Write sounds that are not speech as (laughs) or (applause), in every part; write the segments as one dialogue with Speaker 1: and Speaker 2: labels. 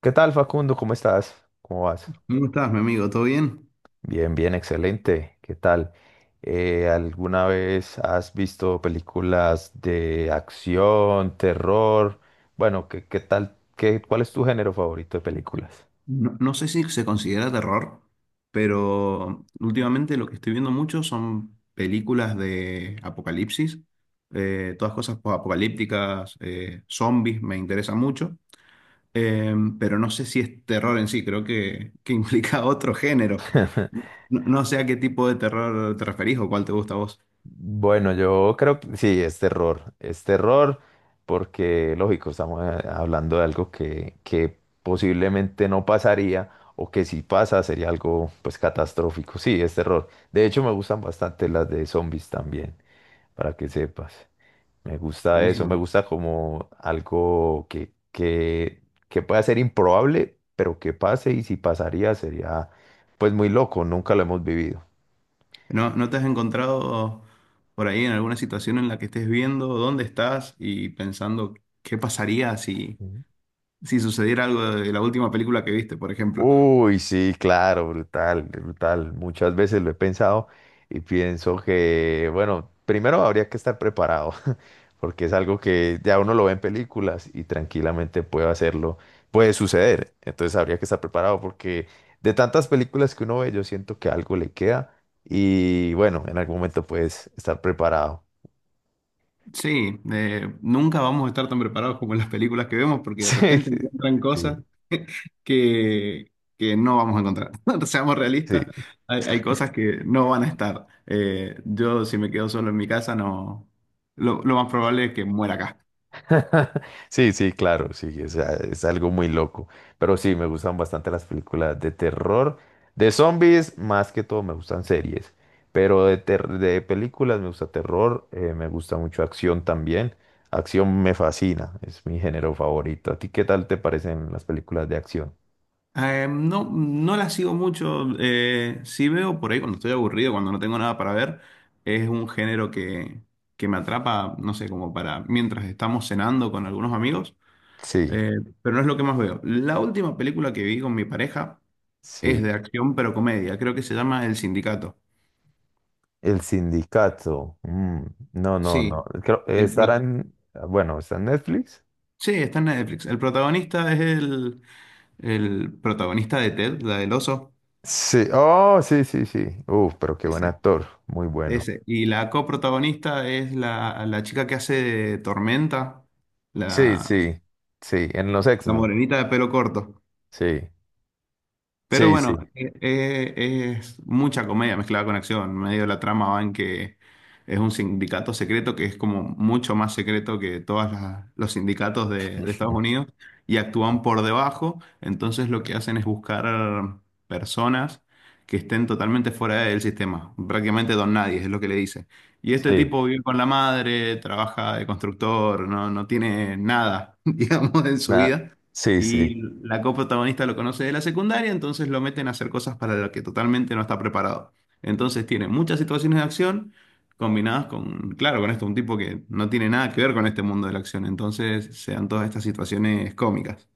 Speaker 1: ¿Qué tal, Facundo? ¿Cómo estás? ¿Cómo vas?
Speaker 2: ¿Cómo estás, mi amigo? ¿Todo bien?
Speaker 1: Bien, bien, excelente. ¿Qué tal? ¿Alguna vez has visto películas de acción, terror? Bueno, ¿qué tal? ¿Cuál es tu género favorito de películas?
Speaker 2: No, no sé si se considera terror, pero últimamente lo que estoy viendo mucho son películas de apocalipsis, todas cosas apocalípticas, zombies, me interesa mucho, eh, pero no sé si es terror en sí, creo que implica (laughs) otro género.
Speaker 1: (laughs)
Speaker 2: No, no sé a qué tipo de terror te referís o cuál te gusta a vos.
Speaker 1: Bueno, yo creo que sí, es terror. Es terror porque, lógico, estamos hablando de algo que posiblemente no pasaría o que si pasa sería algo pues catastrófico. Sí, es terror. De hecho, me gustan bastante las de zombies también, para que sepas. Me gusta eso, me
Speaker 2: Buenísimo.
Speaker 1: gusta como algo que pueda ser improbable, pero que pase y si pasaría sería pues muy loco, nunca lo hemos vivido.
Speaker 2: ¿No te has encontrado por ahí en alguna situación en la que estés viendo dónde estás y pensando qué pasaría si sucediera algo de la última película que viste, por ejemplo?
Speaker 1: Uy, sí, claro, brutal, brutal. Muchas veces lo he pensado y pienso que, bueno, primero habría que estar preparado, (laughs) porque es algo que ya uno lo ve en películas y tranquilamente puede hacerlo, puede suceder. Entonces habría que estar preparado porque de tantas películas que uno ve, yo siento que algo le queda y bueno, en algún momento puedes estar preparado.
Speaker 2: Sí, nunca vamos a estar tan preparados como en las películas que vemos
Speaker 1: (laughs)
Speaker 2: porque de
Speaker 1: Sí,
Speaker 2: repente
Speaker 1: sí,
Speaker 2: encuentran cosas
Speaker 1: sí.
Speaker 2: que, que no vamos a encontrar. (laughs) Seamos realistas,
Speaker 1: Sí.
Speaker 2: hay cosas que no van a estar. Yo si me quedo solo en mi casa, no, lo más probable es que muera acá.
Speaker 1: (laughs) Sí, sí, claro, sí, o sea, es algo muy loco. Pero sí, me gustan bastante las películas de terror. De zombies, más que todo, me gustan series. Pero de, de películas me gusta terror, me gusta mucho acción también. Acción me fascina, es mi género favorito. ¿A ti qué tal te parecen las películas de acción?
Speaker 2: No, no la sigo mucho. Sí veo por ahí cuando estoy aburrido, cuando no tengo nada para ver. Es un género que me atrapa, no sé, como para mientras estamos cenando con algunos amigos.
Speaker 1: Sí,
Speaker 2: eh, pero no es lo que más veo. La última película que vi con mi pareja es
Speaker 1: sí.
Speaker 2: de acción pero comedia. Creo que se llama El Sindicato.
Speaker 1: El sindicato. No, no,
Speaker 2: Sí.
Speaker 1: no.
Speaker 2: El pro-
Speaker 1: Estarán, bueno, está en Netflix.
Speaker 2: sí, está en Netflix. El protagonista es el protagonista de Ted, la del oso.
Speaker 1: Sí, oh, sí, sí, sí. Uf, pero qué buen actor, muy bueno.
Speaker 2: Ese. Y la coprotagonista es la chica que hace de Tormenta,
Speaker 1: Sí,
Speaker 2: la,
Speaker 1: sí, sí, en los
Speaker 2: la
Speaker 1: X-Men.
Speaker 2: morenita de pelo corto.
Speaker 1: Sí,
Speaker 2: Pero
Speaker 1: sí, sí.
Speaker 2: bueno, es mucha comedia mezclada con acción. Medio de la trama va en que es un sindicato secreto que es como mucho más secreto que todos los sindicatos de Estados
Speaker 1: (laughs)
Speaker 2: Unidos y actúan por debajo. Entonces lo que hacen es buscar personas que estén totalmente fuera del sistema. Prácticamente don nadie, es lo que le dice. Y este
Speaker 1: Sí,
Speaker 2: tipo vive con la madre, trabaja de constructor, no, no tiene nada, (laughs) digamos, en su
Speaker 1: na-
Speaker 2: vida.
Speaker 1: sí, sí.
Speaker 2: Y la coprotagonista lo conoce de la secundaria, entonces lo meten a hacer cosas para las que totalmente no está preparado. Entonces tiene muchas situaciones de acción combinadas con, claro, con esto, un tipo que no tiene nada que ver con este mundo de la acción. Entonces se dan todas estas situaciones cómicas.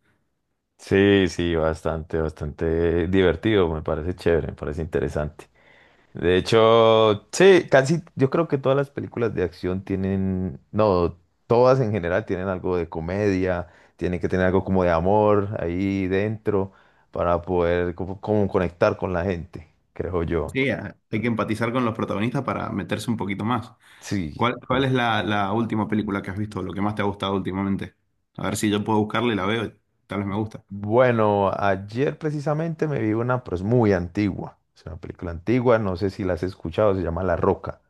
Speaker 1: Sí, sí, bastante, bastante divertido, me parece chévere, me parece interesante. De hecho, sí, casi yo creo que todas las películas de acción tienen, no, todas en general tienen algo de comedia, tienen que tener algo como de amor ahí dentro para poder como, como conectar con la gente, creo yo.
Speaker 2: Sí, hay que empatizar con los protagonistas para meterse un poquito más.
Speaker 1: Sí,
Speaker 2: ¿Cuál
Speaker 1: sí.
Speaker 2: es la última película que has visto, lo que más te ha gustado últimamente? A ver si yo puedo buscarla y la veo, y tal vez me gusta.
Speaker 1: Bueno, ayer precisamente me vi una, pero es muy antigua, es una película antigua, no sé si la has escuchado, se llama La Roca.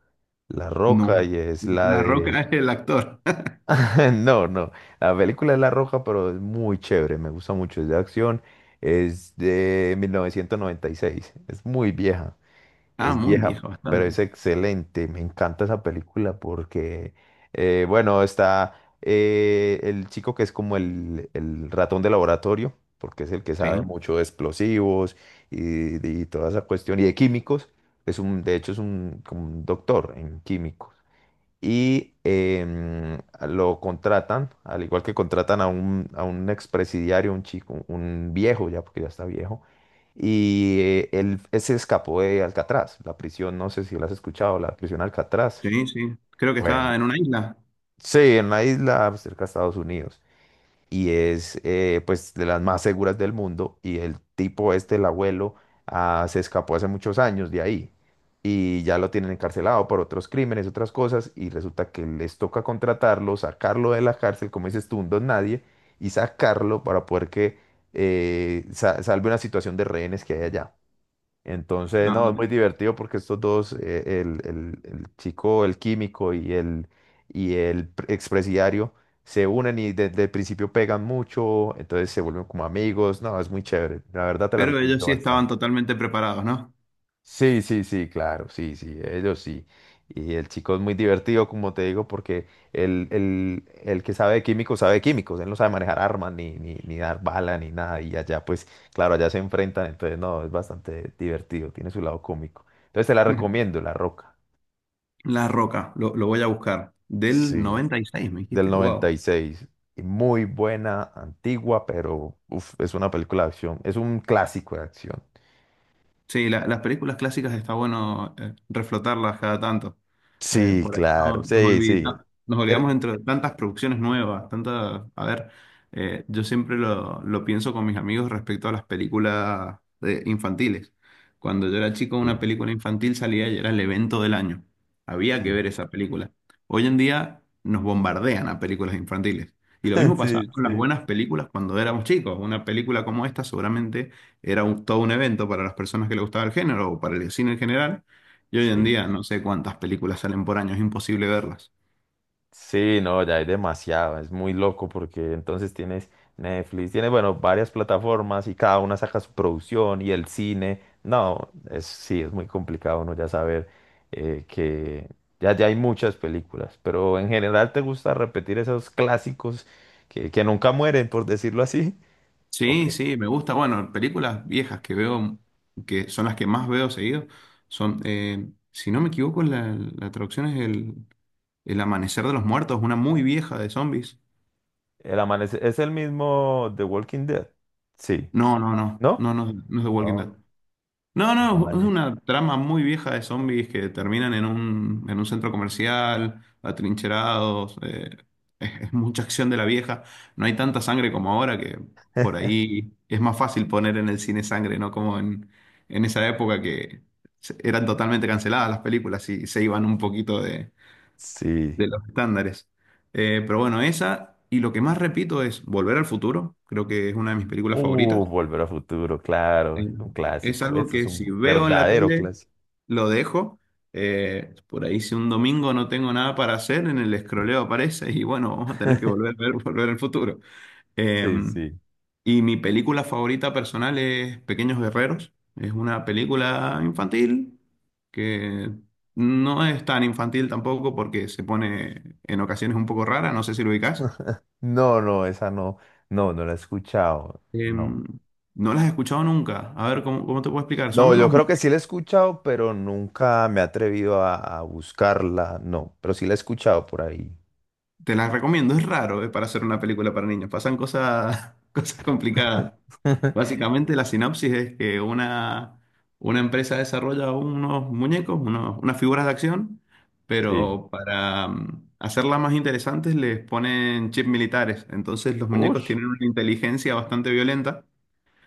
Speaker 1: La Roca
Speaker 2: No.
Speaker 1: y es la
Speaker 2: La Roca (laughs)
Speaker 1: de...
Speaker 2: es el actor. (laughs)
Speaker 1: (laughs) No, no. La película es La Roja, pero es muy chévere. Me gusta mucho. Es de acción. Es de 1996. Es muy vieja.
Speaker 2: Ah,
Speaker 1: Es
Speaker 2: muy
Speaker 1: vieja,
Speaker 2: viejo,
Speaker 1: pero es
Speaker 2: bastante.
Speaker 1: excelente. Me encanta esa película porque, bueno, está el chico que es como el ratón de laboratorio, porque es el que
Speaker 2: Sí.
Speaker 1: sabe mucho de explosivos y toda esa cuestión, y de químicos. Es un, de hecho, es un, como un doctor en químicos y lo contratan, al igual que contratan a un expresidiario, un chico, un viejo ya, porque ya está viejo, y él se escapó de Alcatraz, la prisión, no sé si lo has escuchado, la prisión Alcatraz.
Speaker 2: Sí, sí. Creo que
Speaker 1: Bueno,
Speaker 2: está en una isla.
Speaker 1: sí, en la isla cerca de Estados Unidos y es pues de las más seguras del mundo y el tipo este, el abuelo, ah, se escapó hace muchos años de ahí y ya lo tienen encarcelado por otros crímenes, otras cosas y resulta que les toca contratarlo, sacarlo de la cárcel, como dices tú, un don nadie y sacarlo para poder que salve una situación de rehenes que hay allá. Entonces,
Speaker 2: Ah,
Speaker 1: no, es muy
Speaker 2: bueno.
Speaker 1: divertido porque estos dos, el, el chico, el químico y el expresidiario, se unen y desde el principio pegan mucho, entonces se vuelven como amigos. No, es muy chévere. La verdad te la
Speaker 2: Pero ellos
Speaker 1: recomiendo
Speaker 2: sí
Speaker 1: bastante.
Speaker 2: estaban totalmente preparados, ¿no?
Speaker 1: Sí, sí, sí, claro, sí, sí, ellos sí. Y el chico es muy divertido, como te digo, porque el que sabe de químicos, él no sabe manejar armas, ni, ni, ni dar bala, ni nada. Y allá, pues, claro, allá se enfrentan, entonces, no, es bastante divertido, tiene su lado cómico. Entonces, te la
Speaker 2: (laughs)
Speaker 1: recomiendo, La Roca.
Speaker 2: La Roca, lo voy a buscar. Del
Speaker 1: Sí,
Speaker 2: 96, me
Speaker 1: del
Speaker 2: dijiste. Wow.
Speaker 1: 96. Y seis. Y muy buena, antigua, pero uf, es una película de acción, es un clásico de acción.
Speaker 2: Sí, las películas clásicas está bueno reflotarlas cada tanto. Eh,
Speaker 1: Sí,
Speaker 2: por ahí no,
Speaker 1: claro,
Speaker 2: nos
Speaker 1: sí,
Speaker 2: olvid-
Speaker 1: sí.
Speaker 2: no- nos olvidamos
Speaker 1: Er-
Speaker 2: dentro de tantas producciones nuevas, tantas. A ver, yo siempre lo pienso con mis amigos respecto a las películas infantiles. Cuando yo era chico,
Speaker 1: sí,
Speaker 2: una película infantil salía y era el evento del año. Había que
Speaker 1: sí.
Speaker 2: ver esa película. Hoy en día nos bombardean a películas infantiles. Y lo mismo
Speaker 1: (laughs)
Speaker 2: pasaba
Speaker 1: Sí,
Speaker 2: con las
Speaker 1: sí.
Speaker 2: buenas películas cuando éramos chicos. Una película como esta seguramente era todo un evento para las personas que le gustaba el género o para el cine en general. Y hoy en
Speaker 1: Sí.
Speaker 2: día no sé cuántas películas salen por año, es imposible verlas.
Speaker 1: Sí, no, ya hay demasiado, es muy loco porque entonces tienes Netflix, tienes, bueno, varias plataformas y cada una saca su producción y el cine. No, es, sí, es muy complicado uno ya saber que ya hay muchas películas, pero en general te gusta repetir esos clásicos que nunca mueren, por decirlo así. Ok.
Speaker 2: Sí, sí, me gusta. Bueno, películas viejas que veo, que son las que más veo seguido, son, si no me equivoco, la traducción es El Amanecer de los Muertos, una muy vieja de zombies.
Speaker 1: El amanecer es el mismo The Walking Dead. Sí,
Speaker 2: No, no, no,
Speaker 1: ¿no?
Speaker 2: no, no, no es The Walking
Speaker 1: Oh,
Speaker 2: Dead. No,
Speaker 1: bueno,
Speaker 2: no, es
Speaker 1: vale.
Speaker 2: una trama muy vieja de zombies que terminan en un centro comercial, atrincherados. (laughs) Es mucha acción de la vieja. No hay tanta sangre como ahora que por ahí es más fácil poner en el cine sangre, ¿no? Como en esa época que eran totalmente canceladas las películas y se iban un poquito de,
Speaker 1: Sí.
Speaker 2: de los estándares. Pero bueno, esa. Y lo que más repito es Volver al Futuro. Creo que es una de mis películas favoritas.
Speaker 1: Volver a Futuro, claro,
Speaker 2: Eh,
Speaker 1: es un
Speaker 2: Es
Speaker 1: clásico,
Speaker 2: algo
Speaker 1: eso es
Speaker 2: que si
Speaker 1: un
Speaker 2: veo en la
Speaker 1: verdadero
Speaker 2: tele
Speaker 1: clásico.
Speaker 2: lo dejo. Por ahí si un domingo no tengo nada para hacer, en el escroleo aparece y bueno, vamos a tener que volver a ver (laughs) Volver al Futuro. Eh,
Speaker 1: Sí, sí.
Speaker 2: y mi película favorita personal es Pequeños Guerreros. Es una película infantil que no es tan infantil tampoco porque se pone en ocasiones un poco rara, no sé si lo ubicás.
Speaker 1: No, no, esa no, no, no la he escuchado, no.
Speaker 2: No las he escuchado nunca. A ver, ¿cómo te puedo explicar? Son
Speaker 1: No, yo
Speaker 2: unos
Speaker 1: creo que sí la he escuchado, pero nunca me he atrevido a buscarla, no, pero sí la he escuchado por ahí.
Speaker 2: Te las recomiendo, es raro, para hacer una película para niños. Pasan cosas, (laughs) cosas complicadas.
Speaker 1: (laughs)
Speaker 2: Básicamente la sinopsis es que una empresa desarrolla unos muñecos, unas figuras de acción,
Speaker 1: Sí.
Speaker 2: pero para hacerlas más interesantes les ponen chips militares. Entonces los muñecos
Speaker 1: Ush.
Speaker 2: tienen una inteligencia bastante violenta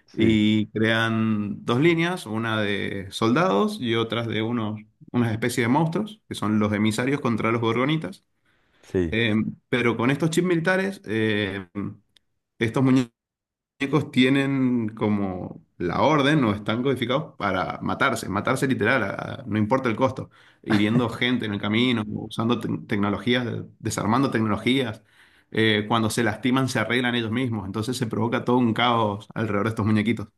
Speaker 1: Sí,
Speaker 2: y crean dos líneas, una de soldados y otras de unas especies de monstruos, que son los emisarios contra los gorgonitas.
Speaker 1: sí,
Speaker 2: Eh, pero con estos chips militares, estos muñecos tienen como la orden o están codificados para matarse, matarse literal, no importa el costo, hiriendo gente en el camino, usando tecnologías, desarmando tecnologías. Cuando se lastiman, se arreglan ellos mismos. Entonces se provoca todo un caos alrededor de estos muñequitos.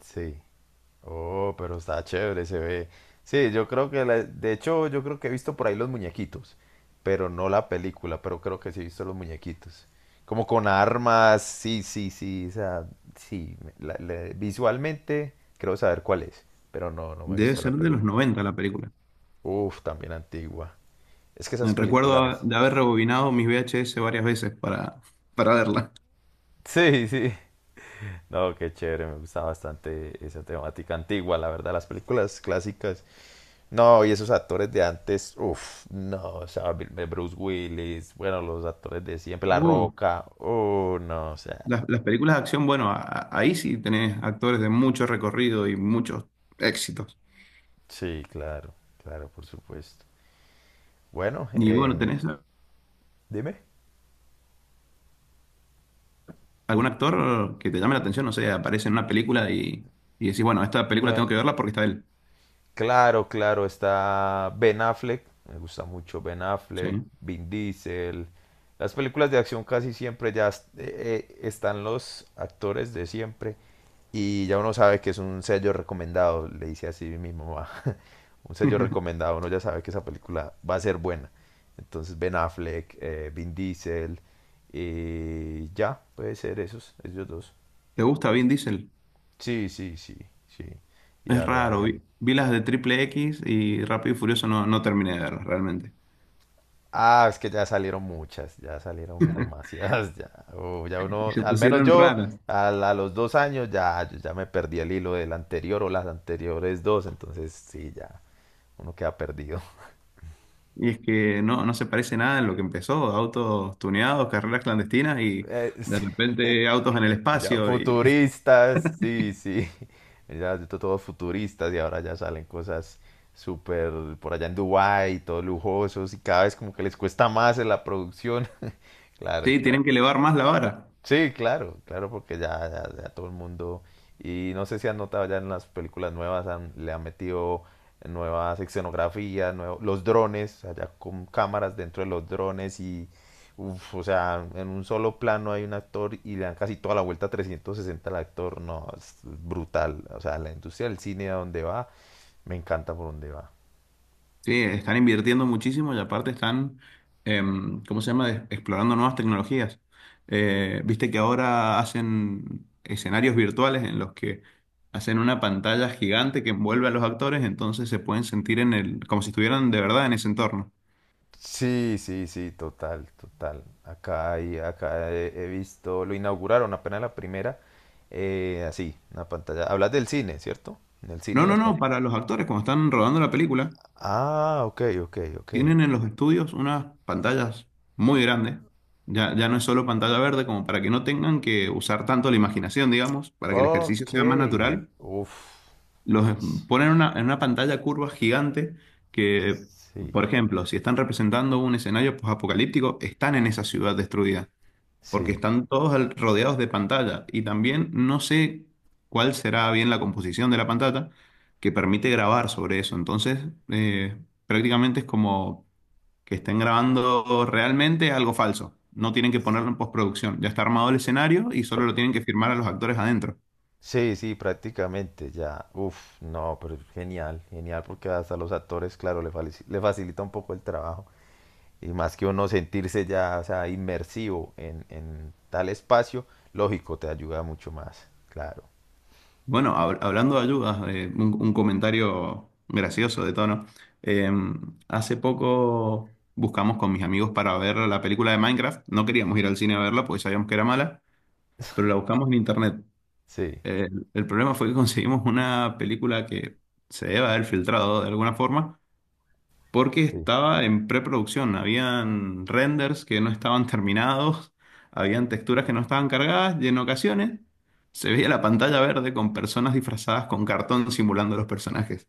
Speaker 1: sí. Oh, pero está chévere, se ve. Sí, yo creo que, de hecho, yo creo que he visto por ahí los muñequitos, pero no la película, pero creo que sí he visto los muñequitos. Como con armas, sí, sí, sí, o sea, sí, visualmente creo saber cuál es, pero no, no me he
Speaker 2: Debe
Speaker 1: visto la
Speaker 2: ser de los
Speaker 1: película.
Speaker 2: 90 la película.
Speaker 1: Uf, también antigua. Es que esas
Speaker 2: Recuerdo
Speaker 1: películas...
Speaker 2: de haber rebobinado mis VHS varias veces para verla.
Speaker 1: Sí, sí. No, qué chévere, me gusta bastante esa temática antigua, la verdad, las películas clásicas. No, y esos actores de antes, uff, no, o sea, Bruce Willis, bueno, los actores de siempre, La
Speaker 2: Uh.
Speaker 1: Roca, oh, no, o sea,
Speaker 2: Las películas de acción, bueno, ahí sí tenés actores de mucho recorrido y muchos éxitos.
Speaker 1: sí, claro, claro, por supuesto. Bueno,
Speaker 2: Y bueno, ¿tenés
Speaker 1: dime.
Speaker 2: algún actor que te llame la atención? No sé, aparece en una película y decís, bueno, esta película tengo
Speaker 1: Me-
Speaker 2: que verla porque está él.
Speaker 1: Claro, claro, está Ben Affleck, me gusta mucho Ben
Speaker 2: Sí.
Speaker 1: Affleck, Vin Diesel. Las películas de acción casi siempre ya están los actores de siempre y ya uno sabe que es un sello recomendado, le dice así mi mamá. (laughs) Un sello
Speaker 2: (laughs)
Speaker 1: recomendado, uno ya sabe que esa película va a ser buena. Entonces Ben Affleck, Vin Diesel, y ya, puede ser esos, ellos dos.
Speaker 2: ¿Te gusta Vin Diesel?
Speaker 1: Sí, sí, sí, sí. Y
Speaker 2: Es
Speaker 1: a
Speaker 2: raro.
Speaker 1: raíz-
Speaker 2: Vi las de Triple X y Rápido y Furioso no, no terminé de verlas realmente.
Speaker 1: Ah, es que ya salieron muchas, ya salieron demasiadas, (laughs) ya. Oh, ya
Speaker 2: Y
Speaker 1: uno,
Speaker 2: se
Speaker 1: al menos
Speaker 2: pusieron
Speaker 1: yo,
Speaker 2: raras.
Speaker 1: a los dos años ya, yo ya me perdí el hilo del anterior o las anteriores dos, entonces sí, ya, uno queda perdido. (laughs)
Speaker 2: Y es que no, no se parece nada en lo que empezó. Autos tuneados, carreras clandestinas y
Speaker 1: Eh,
Speaker 2: de repente autos en el
Speaker 1: Ya,
Speaker 2: espacio.
Speaker 1: futuristas, sí, sí. (laughs) Ya, todos futuristas y ahora ya salen cosas súper por allá en Dubái, todos lujosos y cada vez como que les cuesta más en la producción. (laughs) Claro,
Speaker 2: Sí,
Speaker 1: claro.
Speaker 2: tienen que elevar más la vara.
Speaker 1: Sí, claro, claro, porque ya todo el mundo, y no sé si han notado ya en las películas nuevas, le han metido nuevas escenografías, los drones, allá con cámaras dentro de los drones y, uf, o sea, en un solo plano hay un actor y le dan casi toda la vuelta 360 al actor, no, es brutal, o sea, la industria del cine a donde va, me encanta por donde va.
Speaker 2: Sí, están invirtiendo muchísimo y aparte están, ¿cómo se llama? Explorando nuevas tecnologías. Viste que ahora hacen escenarios virtuales en los que hacen una pantalla gigante que envuelve a los actores, entonces se pueden sentir en el, como si estuvieran de verdad en ese entorno.
Speaker 1: Sí, sí, sí, total, total. Acá, acá he visto, lo inauguraron apenas la primera, así, una pantalla. Hablas del cine, ¿cierto? En el cine
Speaker 2: No, no,
Speaker 1: las
Speaker 2: no,
Speaker 1: pantallas.
Speaker 2: para los actores, cuando están rodando la película,
Speaker 1: Ah, ok, ok, ok.
Speaker 2: tienen en los estudios unas pantallas muy grandes. Ya, ya no es solo pantalla verde, como para que no tengan que usar tanto la imaginación, digamos, para que el ejercicio
Speaker 1: Ok,
Speaker 2: sea más natural.
Speaker 1: uf.
Speaker 2: Los
Speaker 1: Ish,
Speaker 2: ponen en en una pantalla curva gigante que,
Speaker 1: sí,
Speaker 2: por ejemplo, si están representando un escenario post-apocalíptico, están en esa ciudad destruida, porque
Speaker 1: sí.
Speaker 2: están todos rodeados de pantalla. Y también no sé cuál será bien la composición de la pantalla que permite grabar sobre eso. Entonces, eh, prácticamente es como que estén grabando realmente algo falso. No tienen que ponerlo en postproducción. Ya está armado el escenario y solo lo tienen que firmar a los actores adentro.
Speaker 1: Sí, sí, prácticamente ya. Uf, no, pero genial, genial, porque hasta los actores, claro, le facilita un poco el trabajo. Y más que uno sentirse ya, o sea, inmersivo en tal espacio, lógico, te ayuda mucho más, claro.
Speaker 2: Bueno, hablando de ayudas, un comentario gracioso de tono. Eh, Hace poco buscamos con mis amigos para ver la película de Minecraft. No queríamos ir al cine a verla porque sabíamos que era mala, pero la
Speaker 1: (laughs)
Speaker 2: buscamos en internet.
Speaker 1: Sí,
Speaker 2: Eh, el problema fue que (laughs) conseguimos una película que se debe haber filtrado de alguna forma porque
Speaker 1: sí.
Speaker 2: estaba en preproducción. Habían renders que no estaban terminados, habían texturas que no estaban cargadas y en ocasiones se veía la pantalla verde con personas disfrazadas con cartón simulando a los personajes.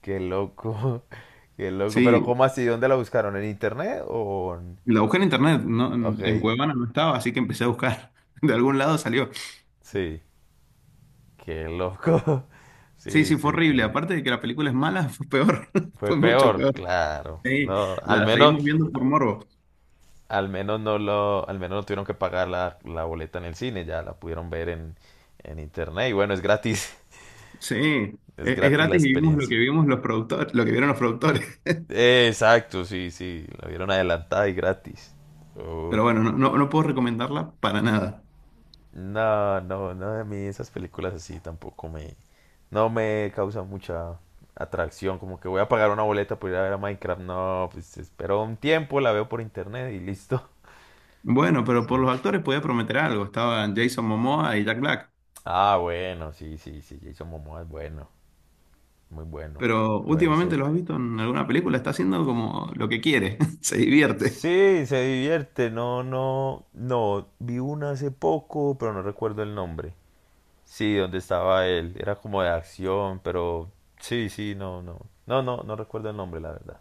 Speaker 1: Qué loco, (laughs) qué loco. Pero
Speaker 2: Sí,
Speaker 1: ¿cómo así? ¿Dónde la buscaron? ¿En internet o...?
Speaker 2: la busqué en internet, no, en
Speaker 1: Ok,
Speaker 2: Cuevana no estaba, así que empecé a buscar. (laughs) De algún lado salió.
Speaker 1: sí, qué loco. (laughs)
Speaker 2: Sí,
Speaker 1: Sí,
Speaker 2: sí, fue
Speaker 1: sí, qué
Speaker 2: horrible.
Speaker 1: loco.
Speaker 2: Aparte de que la película es mala, fue peor. (laughs)
Speaker 1: Fue
Speaker 2: Fue mucho
Speaker 1: peor,
Speaker 2: peor.
Speaker 1: claro.
Speaker 2: Sí,
Speaker 1: No, al
Speaker 2: la
Speaker 1: menos,
Speaker 2: seguimos viendo por morbo.
Speaker 1: al menos no tuvieron que pagar la, la boleta en el cine, ya la pudieron ver en internet. Y bueno, es gratis,
Speaker 2: Sí,
Speaker 1: (laughs) es
Speaker 2: es
Speaker 1: gratis la
Speaker 2: gratis y vimos lo
Speaker 1: experiencia.
Speaker 2: que vimos los productores, lo que vieron los productores.
Speaker 1: Exacto, sí, sí. La vieron adelantada y gratis. Uf.
Speaker 2: Pero bueno, no, no, no puedo recomendarla para nada.
Speaker 1: No, no, no, a mí esas películas así tampoco me... No me causan mucha atracción. Como que voy a pagar una boleta por ir a ver a Minecraft. No, pues espero un tiempo, la veo por internet y listo.
Speaker 2: Bueno, pero por
Speaker 1: Sí.
Speaker 2: los actores podía prometer algo. Estaban Jason Momoa y Jack Black.
Speaker 1: Ah, bueno, sí, sí, sí. Jason Momoa es bueno, muy bueno.
Speaker 2: Pero
Speaker 1: Puede
Speaker 2: últimamente
Speaker 1: ser.
Speaker 2: los has visto en alguna película, está haciendo como lo que quiere, (laughs) se divierte.
Speaker 1: Sí, se divierte. No, no, no. Vi una hace poco, pero no recuerdo el nombre. Sí, donde estaba él. Era como de acción, pero sí, sí, no, no. No, no, no recuerdo el nombre, la verdad.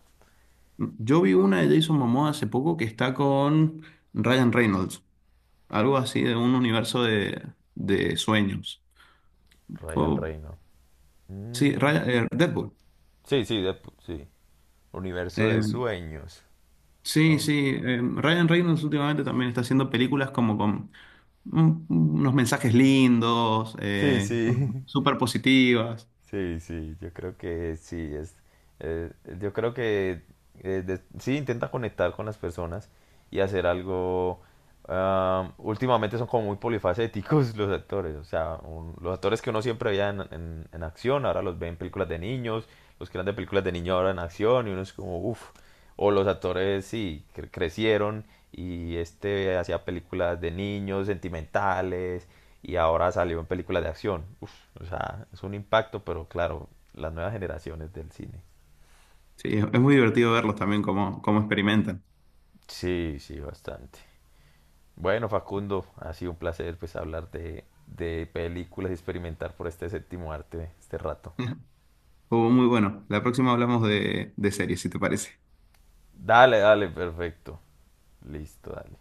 Speaker 2: Yo vi una de Jason Momoa hace poco que está con Ryan Reynolds, algo así de un universo de sueños.
Speaker 1: Ryan
Speaker 2: Fue-
Speaker 1: Reynolds.
Speaker 2: sí,
Speaker 1: Mm,
Speaker 2: Deadpool.
Speaker 1: Sí, sí, sí. Universo
Speaker 2: Eh,
Speaker 1: de sueños.
Speaker 2: sí,
Speaker 1: ¿No?
Speaker 2: sí, Ryan Reynolds últimamente también está haciendo películas como con unos mensajes lindos,
Speaker 1: Sí, sí.
Speaker 2: como
Speaker 1: (laughs)
Speaker 2: súper positivas.
Speaker 1: Sí, sí, yo creo que sí, es, eh, yo creo que sí intenta conectar con las personas y hacer algo. Ah, últimamente son como muy polifacéticos (laughs) los actores, o sea, los actores que uno siempre veía en, en acción, ahora los ve en películas de niños, los que eran de películas de niños ahora en acción y uno es como, uff, o los actores sí, crecieron y este hacía películas de niños, sentimentales y ahora salió en películas de acción. Uf, o sea, es un impacto, pero claro, las nuevas generaciones del cine.
Speaker 2: Sí, es muy divertido verlos también cómo experimentan.
Speaker 1: Sí, sí, bastante. Bueno, Facundo, ha sido un placer pues hablar de películas y experimentar por este séptimo arte este rato.
Speaker 2: (laughs) Estuvo muy bueno. La próxima hablamos de series, si te parece.
Speaker 1: Dale, dale, perfecto. Listo, dale.